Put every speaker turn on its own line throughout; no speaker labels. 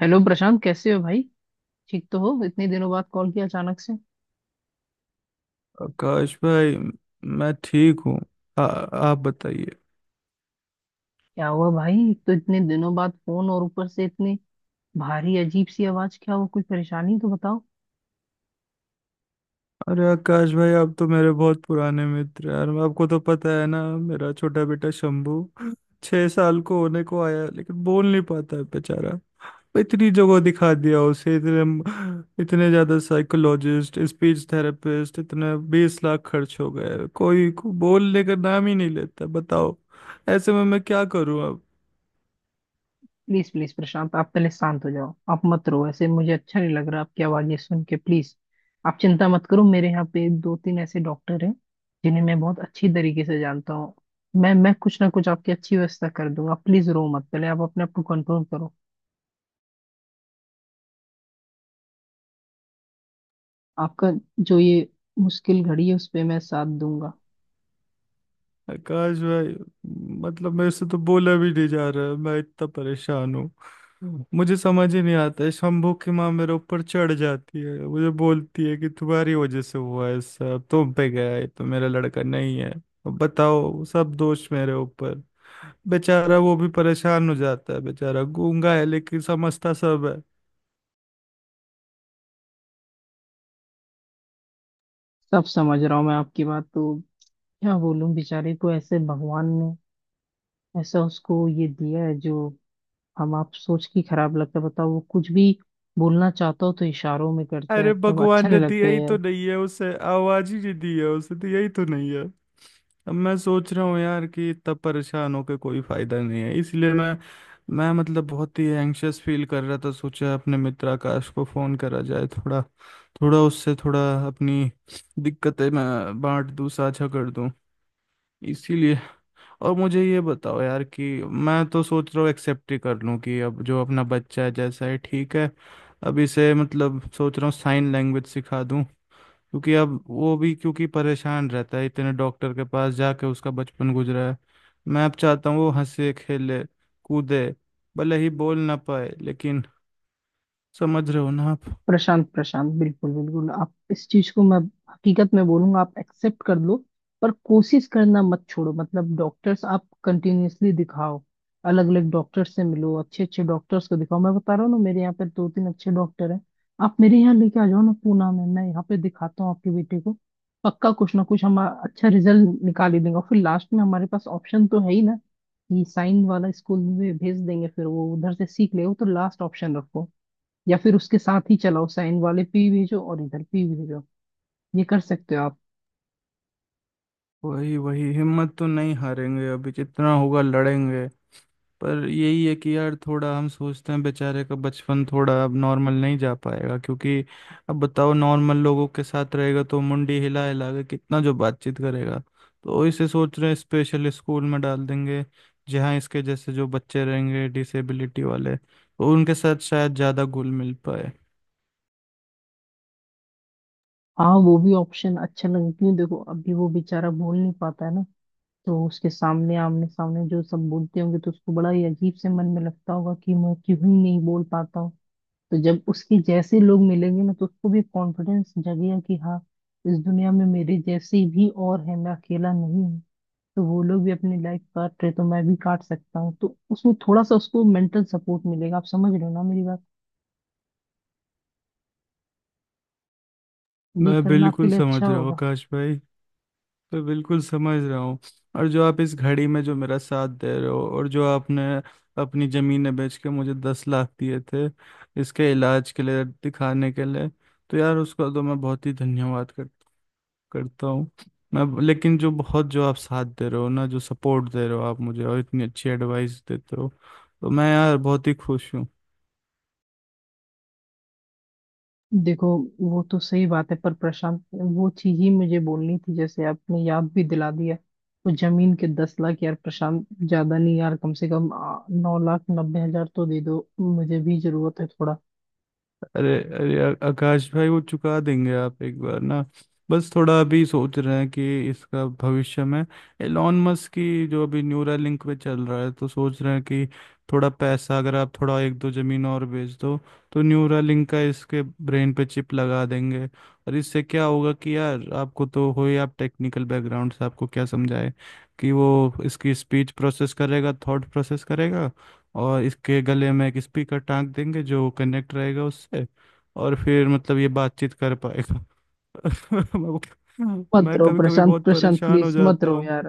Hello Prashant, कैसे हो भाई। ठीक तो हो? इतने दिनों बाद कॉल किया अचानक से।
आकाश भाई, मैं ठीक हूँ। आ- आप बताइए।
क्या हुआ भाई, एक तो इतने दिनों बाद फोन और ऊपर से इतनी भारी अजीब सी आवाज। क्या हुआ, कोई परेशानी तो बताओ।
अरे आकाश भाई, आप तो मेरे बहुत पुराने मित्र हैं यार, आपको तो पता है ना, मेरा छोटा बेटा शंभू 6 साल को होने को आया है, लेकिन बोल नहीं पाता है बेचारा। इतनी जगह दिखा दिया उसे, इतने इतने ज्यादा साइकोलॉजिस्ट, स्पीच थेरेपिस्ट, इतने 20 लाख खर्च हो गए, कोई को बोलने का नाम ही नहीं लेता, बताओ। ऐसे में मैं क्या करूँ?
प्लीज प्लीज प्रशांत, आप पहले शांत हो जाओ, आप मत रो ऐसे, मुझे अच्छा नहीं लग रहा आपकी आवाज ये सुन के, प्लीज। आप चिंता मत करो, मेरे यहाँ पे दो तीन ऐसे डॉक्टर हैं जिन्हें मैं बहुत अच्छी तरीके से जानता हूँ। मैं कुछ ना कुछ आपकी अच्छी व्यवस्था कर दूंगा, प्लीज रो मत, पहले आप अपने आप को कंट्रोल करो। आपका जो ये मुश्किल घड़ी है उस पर मैं साथ दूंगा।
आकाश भाई, मतलब मेरे से तो बोला भी नहीं जा रहा है, मैं इतना परेशान हूँ। मुझे समझ ही नहीं आता है, शंभू की माँ मेरे ऊपर चढ़ जाती है, मुझे बोलती है कि तुम्हारी वजह से हुआ है सब, तुम पे गया है तो मेरा लड़का नहीं है अब। बताओ, सब दोष मेरे ऊपर। बेचारा वो भी परेशान हो जाता है, बेचारा गूंगा है लेकिन समझता सब।
सब समझ रहा हूँ मैं आपकी बात तो। क्या बोलूँ, बेचारे को ऐसे भगवान ने ऐसा उसको ये दिया है जो हम आप सोच के खराब लगता है। बताओ, वो कुछ भी बोलना चाहता हो तो इशारों में करता है,
अरे
तब
भगवान
अच्छा
ने
नहीं लगता
दिया
है
ही तो
यार।
नहीं है उसे, आवाज ही नहीं दी है उसे, दिया ही तो नहीं है। अब मैं सोच रहा हूँ यार कि इतना परेशान होकर कोई फायदा नहीं है, इसलिए मैं मतलब बहुत ही एंग्शियस फील कर रहा था, सोचा अपने मित्र आकाश को फोन करा जाए। थोड़ा थोड़ा उससे, थोड़ा अपनी दिक्कतें मैं बांट दूं, साझा कर दूं, इसीलिए। और मुझे ये बताओ यार, कि मैं तो सोच रहा हूँ एक्सेप्ट ही कर लूँ कि अब जो अपना बच्चा है जैसा है ठीक है। अब इसे मतलब सोच रहा हूँ साइन लैंग्वेज सिखा दूँ, क्योंकि अब वो भी, क्योंकि परेशान रहता है, इतने डॉक्टर के पास जाके उसका बचपन गुजरा है। मैं अब चाहता हूँ वो हंसे, खेले, कूदे, भले ही बोल ना पाए, लेकिन समझ रहे हो ना आप?
प्रशांत, प्रशांत, बिल्कुल बिल्कुल आप इस चीज को, मैं हकीकत में बोलूंगा, आप एक्सेप्ट कर लो। पर कोशिश करना मत छोड़ो, मतलब डॉक्टर्स आप कंटिन्यूअसली दिखाओ। अलग अलग डॉक्टर से मिलो, अच्छे अच्छे डॉक्टर्स को दिखाओ। मैं बता रहा हूँ ना, मेरे यहाँ पे दो तीन अच्छे डॉक्टर हैं। आप मेरे यहाँ लेके आ जाओ ना पूना में, मैं यहाँ पे दिखाता हूँ आपके बेटे को। पक्का कुछ ना कुछ हम अच्छा रिजल्ट निकाल ही देंगे, और फिर लास्ट में हमारे पास ऑप्शन तो है ही ना कि साइन वाला स्कूल में भेज देंगे, फिर वो उधर से सीख ले। वो तो लास्ट ऑप्शन रखो, या फिर उसके साथ ही चलाओ, साइन वाले पे ही भेजो और इधर पे ही भेजो। ये कर सकते हो आप?
वही वही हिम्मत तो नहीं हारेंगे, अभी जितना होगा लड़ेंगे। पर यही है कि यार, थोड़ा हम सोचते हैं बेचारे का बचपन थोड़ा अब नॉर्मल नहीं जा पाएगा, क्योंकि अब बताओ, नॉर्मल लोगों के साथ रहेगा तो मुंडी हिला हिला के कितना जो बातचीत करेगा। तो इसे सोच रहे हैं स्पेशल स्कूल में डाल देंगे, जहाँ इसके जैसे जो बच्चे रहेंगे डिसेबिलिटी वाले, तो उनके साथ शायद ज़्यादा घुल मिल पाए।
हाँ, वो भी ऑप्शन अच्छा लगे क्यों। देखो अभी वो बेचारा बोल नहीं पाता है ना, तो उसके सामने आमने सामने जो सब बोलते होंगे तो उसको बड़ा ही अजीब से मन में लगता होगा कि मैं क्यों ही नहीं बोल पाता हूँ। तो जब उसके जैसे लोग मिलेंगे ना, तो उसको भी कॉन्फिडेंस जगेगा कि हाँ, इस दुनिया में मेरे जैसे भी और है, मैं अकेला नहीं हूँ। तो वो लोग भी अपनी लाइफ काट रहे तो मैं भी काट सकता हूँ, तो उसमें थोड़ा सा उसको मेंटल सपोर्ट मिलेगा। आप समझ रहे हो ना मेरी बात? ये
मैं
करना आपके
बिल्कुल
लिए अच्छा
समझ रहा हूँ
होगा।
आकाश भाई, मैं बिल्कुल समझ रहा हूँ। और जो आप इस घड़ी में जो मेरा साथ दे रहे हो, और जो आपने अपनी ज़मीनें बेच के मुझे 10 लाख दिए थे, इसके इलाज के लिए, दिखाने के लिए, तो यार उसका तो मैं बहुत ही धन्यवाद करता हूँ मैं। लेकिन जो बहुत, जो आप साथ दे रहे हो ना, जो सपोर्ट दे रहे हो आप मुझे, और इतनी अच्छी एडवाइस देते हो, तो मैं यार बहुत ही खुश हूँ।
देखो, वो तो सही बात है, पर प्रशांत वो चीज ही मुझे बोलनी थी, जैसे आपने याद भी दिला दिया। तो जमीन के 10 लाख, यार प्रशांत ज्यादा नहीं यार, कम से कम 9 लाख 90 हज़ार तो दे दो, मुझे भी जरूरत है थोड़ा।
अरे अरे, आकाश भाई, वो चुका देंगे आप, एक बार ना, बस थोड़ा अभी सोच रहे हैं कि इसका भविष्य में, एलॉन मस्क की जो अभी न्यूरा लिंक पे चल रहा है, तो सोच रहे हैं कि थोड़ा पैसा, अगर आप थोड़ा एक दो जमीन और बेच दो, तो न्यूरा लिंक का इसके ब्रेन पे चिप लगा देंगे। और इससे क्या होगा कि यार, आपको तो हो ही, आप टेक्निकल बैकग्राउंड से, आपको क्या समझाए, कि वो इसकी स्पीच प्रोसेस करेगा, थॉट प्रोसेस करेगा, और इसके गले में एक स्पीकर टांग देंगे जो कनेक्ट रहेगा उससे, और फिर मतलब ये बातचीत कर पाएगा। मैं
मत
मैं
रहो
कभी कभी
प्रशांत,
बहुत
प्रशांत
परेशान हो
प्लीज मत
जाता
रहो
हूँ
यार।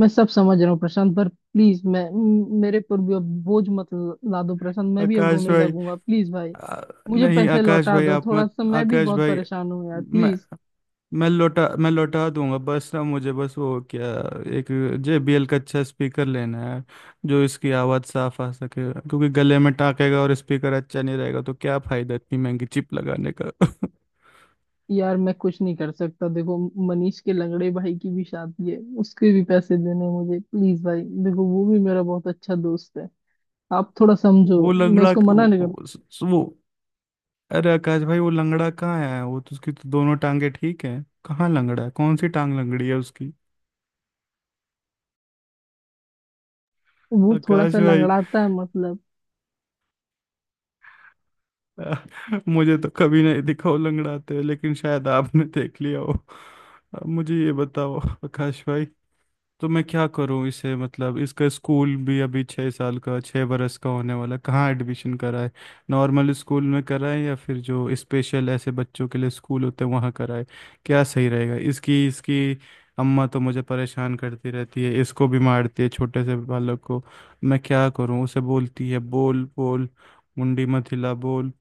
मैं सब समझ रहा हूँ प्रशांत, पर प्लीज मैं मेरे पर भी अब बोझ मत ला दो प्रशांत, मैं भी अब
आकाश
रोने
भाई।
लगूंगा प्लीज भाई।
आ,
मुझे
नहीं
पैसे
आकाश
लौटा
भाई,
दो
आप
थोड़ा
मत।
सा, मैं भी
आकाश
बहुत
भाई,
परेशान हूँ यार
मैं
प्लीज।
मैं लौटा दूंगा, बस ना मुझे, बस वो क्या, एक JBL का अच्छा स्पीकर लेना है, जो इसकी आवाज़ साफ आ सके, क्योंकि गले में टाँकेगा और स्पीकर अच्छा नहीं रहेगा तो क्या फायदा इतनी महंगी चिप लगाने का।
यार मैं कुछ नहीं कर सकता, देखो, मनीष के लंगड़े भाई की भी शादी है, उसके भी पैसे देने हैं मुझे, प्लीज भाई देखो, वो भी मेरा बहुत अच्छा दोस्त है। आप थोड़ा समझो,
वो
मैं
लंगड़ा,
उसको मना नहीं कर।
वो, अरे आकाश भाई, वो लंगड़ा कहाँ है? वो तो, उसकी तो दोनों टांगे ठीक है, कहाँ लंगड़ा है, कौन सी टांग लंगड़ी है उसकी?
वो थोड़ा
आकाश
सा
भाई,
लंगड़ाता है मतलब।
अ, मुझे तो कभी नहीं दिखा वो लंगड़ाते हुए, लेकिन शायद आपने देख लिया हो। अब मुझे ये बताओ आकाश भाई, तो मैं क्या करूं इसे? मतलब इसका स्कूल भी अभी, 6 साल का, 6 बरस का होने वाला, कहाँ एडमिशन कराए? नॉर्मल स्कूल में कराए, या फिर जो स्पेशल ऐसे बच्चों के लिए स्कूल होते हैं वहाँ कराए? क्या सही रहेगा? इसकी इसकी अम्मा तो मुझे परेशान करती रहती है, इसको भी मारती है छोटे से बालक को। मैं क्या करूं, उसे बोलती है, बोल बोल, मुंडी मत हिला बोल।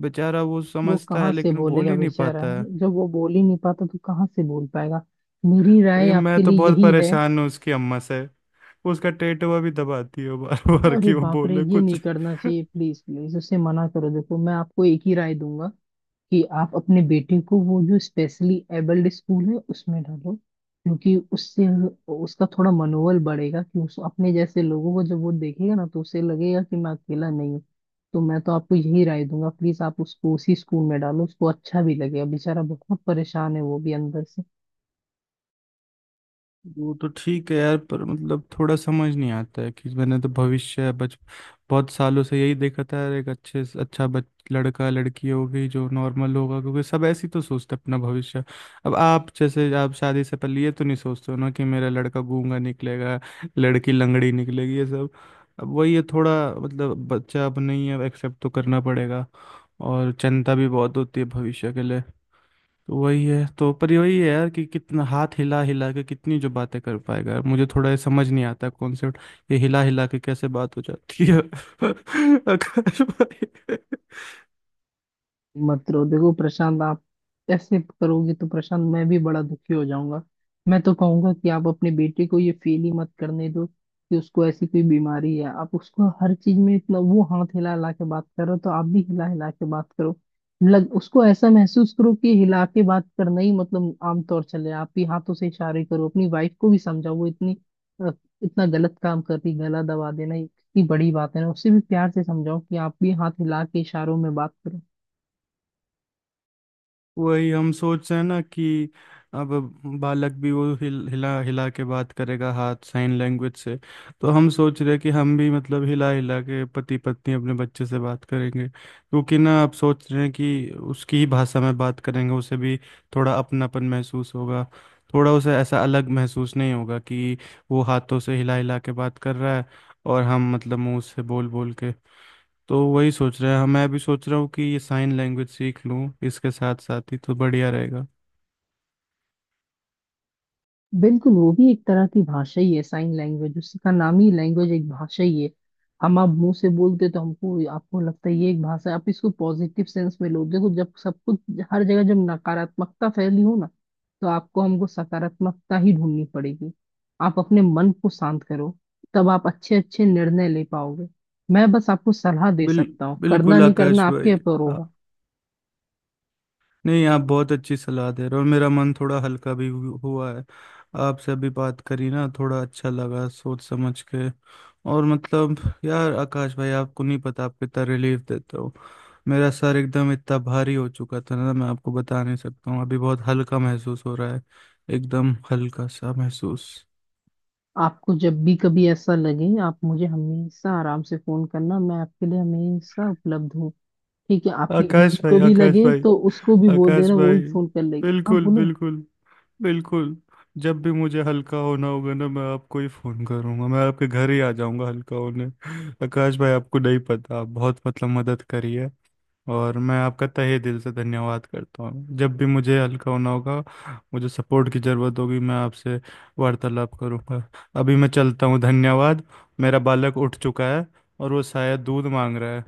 बेचारा वो
वो
समझता है
कहाँ से
लेकिन बोल
बोलेगा
ही नहीं
बेचारा,
पाता है।
जब वो बोल ही नहीं पाता तो कहाँ से बोल पाएगा। मेरी
और
राय
ये मैं
आपके
तो
लिए
बहुत
यही है।
परेशान हूँ उसकी अम्मा से, वो उसका टेटवा भी दबाती है बार बार
अरे
कि वो
बाप रे,
बोले
ये
कुछ।
नहीं करना चाहिए, प्लीज प्लीज उसे मना करो। देखो, मैं आपको एक ही राय दूंगा कि आप अपने बेटे को वो जो स्पेशली एबल्ड स्कूल है उसमें डालो, क्योंकि उससे उसका थोड़ा मनोबल बढ़ेगा, कि उस अपने जैसे लोगों को जब वो देखेगा ना तो उसे लगेगा कि मैं अकेला नहीं हूँ। तो मैं तो आपको यही राय दूंगा, प्लीज आप उसको उसी स्कूल में डालो, उसको अच्छा भी लगेगा, बेचारा बहुत परेशान है वो भी अंदर से।
वो तो ठीक है यार, पर मतलब थोड़ा समझ नहीं आता है, कि मैंने तो भविष्य, बच बहुत सालों से यही देखा था यार, एक अच्छे से अच्छा बच लड़का लड़की होगी जो नॉर्मल होगा, क्योंकि सब ऐसी तो सोचते हैं अपना भविष्य। अब आप जैसे, आप शादी से पहले ये तो नहीं सोचते हो ना, कि मेरा लड़का गूंगा निकलेगा, लड़की लंगड़ी निकलेगी, ये सब। अब वही है थोड़ा, मतलब बच्चा अब नहीं है, अब एक्सेप्ट तो करना पड़ेगा। और चिंता भी बहुत होती है भविष्य के लिए। तो वही है, तो पर वही है यार, कि कितना हाथ हिला हिला के कितनी जो बातें कर पाएगा यार, मुझे थोड़ा ये समझ नहीं आता कॉन्सेप्ट, ये हिला हिला के कैसे बात हो जाती है। आकाश भाई,
मत रो देखो प्रशांत, आप ऐसे करोगे तो प्रशांत मैं भी बड़ा दुखी हो जाऊंगा। मैं तो कहूंगा कि आप अपने बेटे को ये फील ही मत करने दो कि उसको ऐसी कोई बीमारी है। आप उसको हर चीज में इतना, वो हाथ हिला हिला के बात करो तो आप भी हिला हिला के बात करो। लग उसको ऐसा महसूस करो कि हिला के बात करना ही मतलब आमतौर चले, आप ही हाथों से इशारे करो। अपनी वाइफ को भी समझाओ, वो इतनी अ, इतना गलत काम कर रही, गला दबा देना ये कितनी बड़ी बात है ना, उससे भी प्यार से समझाओ कि आप भी हाथ हिला के इशारों में बात करो।
वही हम सोच रहे हैं ना, कि अब बालक भी वो हिला हिला के बात करेगा, हाथ, साइन लैंग्वेज से, तो हम सोच रहे हैं कि हम भी मतलब हिला हिला के पति पत्नी अपने बच्चे से बात करेंगे, क्योंकि ना अब सोच रहे हैं कि उसकी ही भाषा में बात करेंगे, उसे भी थोड़ा अपनापन महसूस होगा, थोड़ा उसे ऐसा अलग महसूस नहीं होगा, कि वो हाथों से हिला हिला के बात कर रहा है और हम मतलब मुंह से बोल बोल के। तो वही सोच रहा है, हाँ, मैं भी सोच रहा हूँ कि ये साइन लैंग्वेज सीख लूँ इसके साथ साथ ही तो बढ़िया रहेगा।
बिल्कुल, वो भी एक तरह की भाषा ही है साइन लैंग्वेज, उसका नाम ही लैंग्वेज, एक भाषा ही है। हम आप मुंह से बोलते तो हमको आपको लगता है ये एक भाषा है। आप इसको पॉजिटिव सेंस में लो। देखो जब सब कुछ, हर जगह जब नकारात्मकता फैली हो ना, तो आपको हमको सकारात्मकता ही ढूंढनी पड़ेगी। आप अपने मन को शांत करो, तब आप अच्छे अच्छे निर्णय ले पाओगे। मैं बस आपको सलाह दे
बिल
सकता हूँ, करना
बिल्कुल
नहीं
आकाश
करना
भाई,
आपके ऊपर
आ,
होगा।
नहीं, आप बहुत अच्छी सलाह दे रहे हो, मेरा मन थोड़ा हल्का भी हुआ है, आपसे अभी बात करी ना, थोड़ा अच्छा लगा सोच समझ के। और मतलब, यार आकाश भाई, आपको नहीं पता आप कितना रिलीफ देते हो। मेरा सर एकदम इतना भारी हो चुका था ना, मैं आपको बता नहीं सकता हूँ, अभी बहुत हल्का महसूस हो रहा है, एकदम हल्का सा महसूस।
आपको जब भी कभी ऐसा लगे, आप मुझे हमेशा आराम से फोन करना, मैं आपके लिए हमेशा उपलब्ध हूँ। ठीक है? आपकी
आकाश
बीवी
भाई,
को भी
आकाश
लगे
भाई,
तो उसको भी बोल
आकाश
देना, वो भी
भाई,
फोन कर लेगी, आप
बिल्कुल,
बोलो।
बिल्कुल, बिल्कुल। जब भी मुझे हल्का होना होगा ना, मैं आपको ही फोन करूंगा, मैं आपके घर ही आ जाऊंगा हल्का होने। आकाश भाई, आपको नहीं पता, आप बहुत मतलब मदद करी है, और मैं आपका तहे दिल से धन्यवाद करता हूँ। जब भी मुझे हल्का होना होगा, मुझे सपोर्ट की ज़रूरत होगी, मैं आपसे वार्तालाप करूंगा। अभी मैं चलता हूँ, धन्यवाद। मेरा बालक उठ चुका है, और वो शायद दूध मांग रहा है।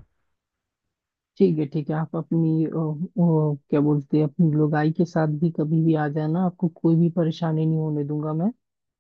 ठीक है, ठीक है। आप अपनी क्या बोलते हैं, अपनी लोगाई के साथ भी कभी भी आ जाना, आपको कोई भी परेशानी नहीं होने दूंगा मैं।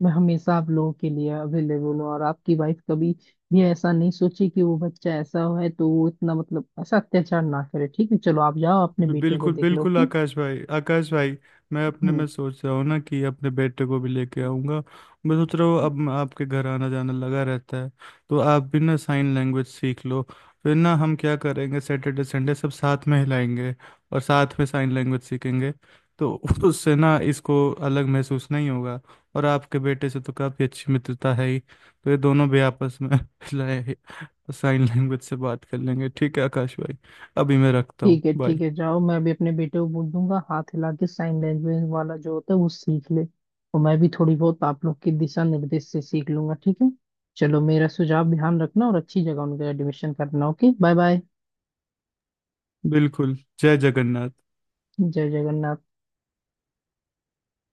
मैं हमेशा आप लोगों के लिए अवेलेबल हूँ, और आपकी वाइफ कभी भी ऐसा नहीं सोचे कि वो बच्चा ऐसा है तो वो इतना, मतलब ऐसा अत्याचार ना करे। ठीक है, चलो आप जाओ, अपने
बि-
बेटे को
बिल्कुल
देख लो,
बिल्कुल
ओके।
आकाश भाई, आकाश भाई, मैं अपने
हम्म।
में सोच रहा हूँ ना, कि अपने बेटे को भी लेके आऊँगा। मैं सोच रहा हूँ, अब मैं आपके घर आना जाना लगा रहता है, तो आप भी ना साइन लैंग्वेज सीख लो, फिर ना हम क्या करेंगे, सैटरडे संडे सब साथ में हिलाएंगे और साथ में साइन लैंग्वेज सीखेंगे, तो उससे ना इसको अलग महसूस नहीं होगा। और आपके बेटे से तो काफ़ी अच्छी मित्रता है ही, तो ये दोनों भी आपस में हिलाए, साइन लैंग्वेज से बात कर लेंगे। ठीक है आकाश भाई, अभी मैं रखता हूँ,
ठीक है ठीक
बाय।
है, जाओ, मैं भी अपने बेटे को बोल दूंगा हाथ हिला के साइन लैंग्वेज वाला जो होता है वो सीख ले, और मैं भी थोड़ी बहुत आप लोग के दिशा निर्देश से सीख लूंगा। ठीक है, चलो, मेरा सुझाव ध्यान रखना, और अच्छी जगह उनका एडमिशन करना। Okay, bye bye.
बिल्कुल, जय जगन्नाथ।
जय जगन्नाथ।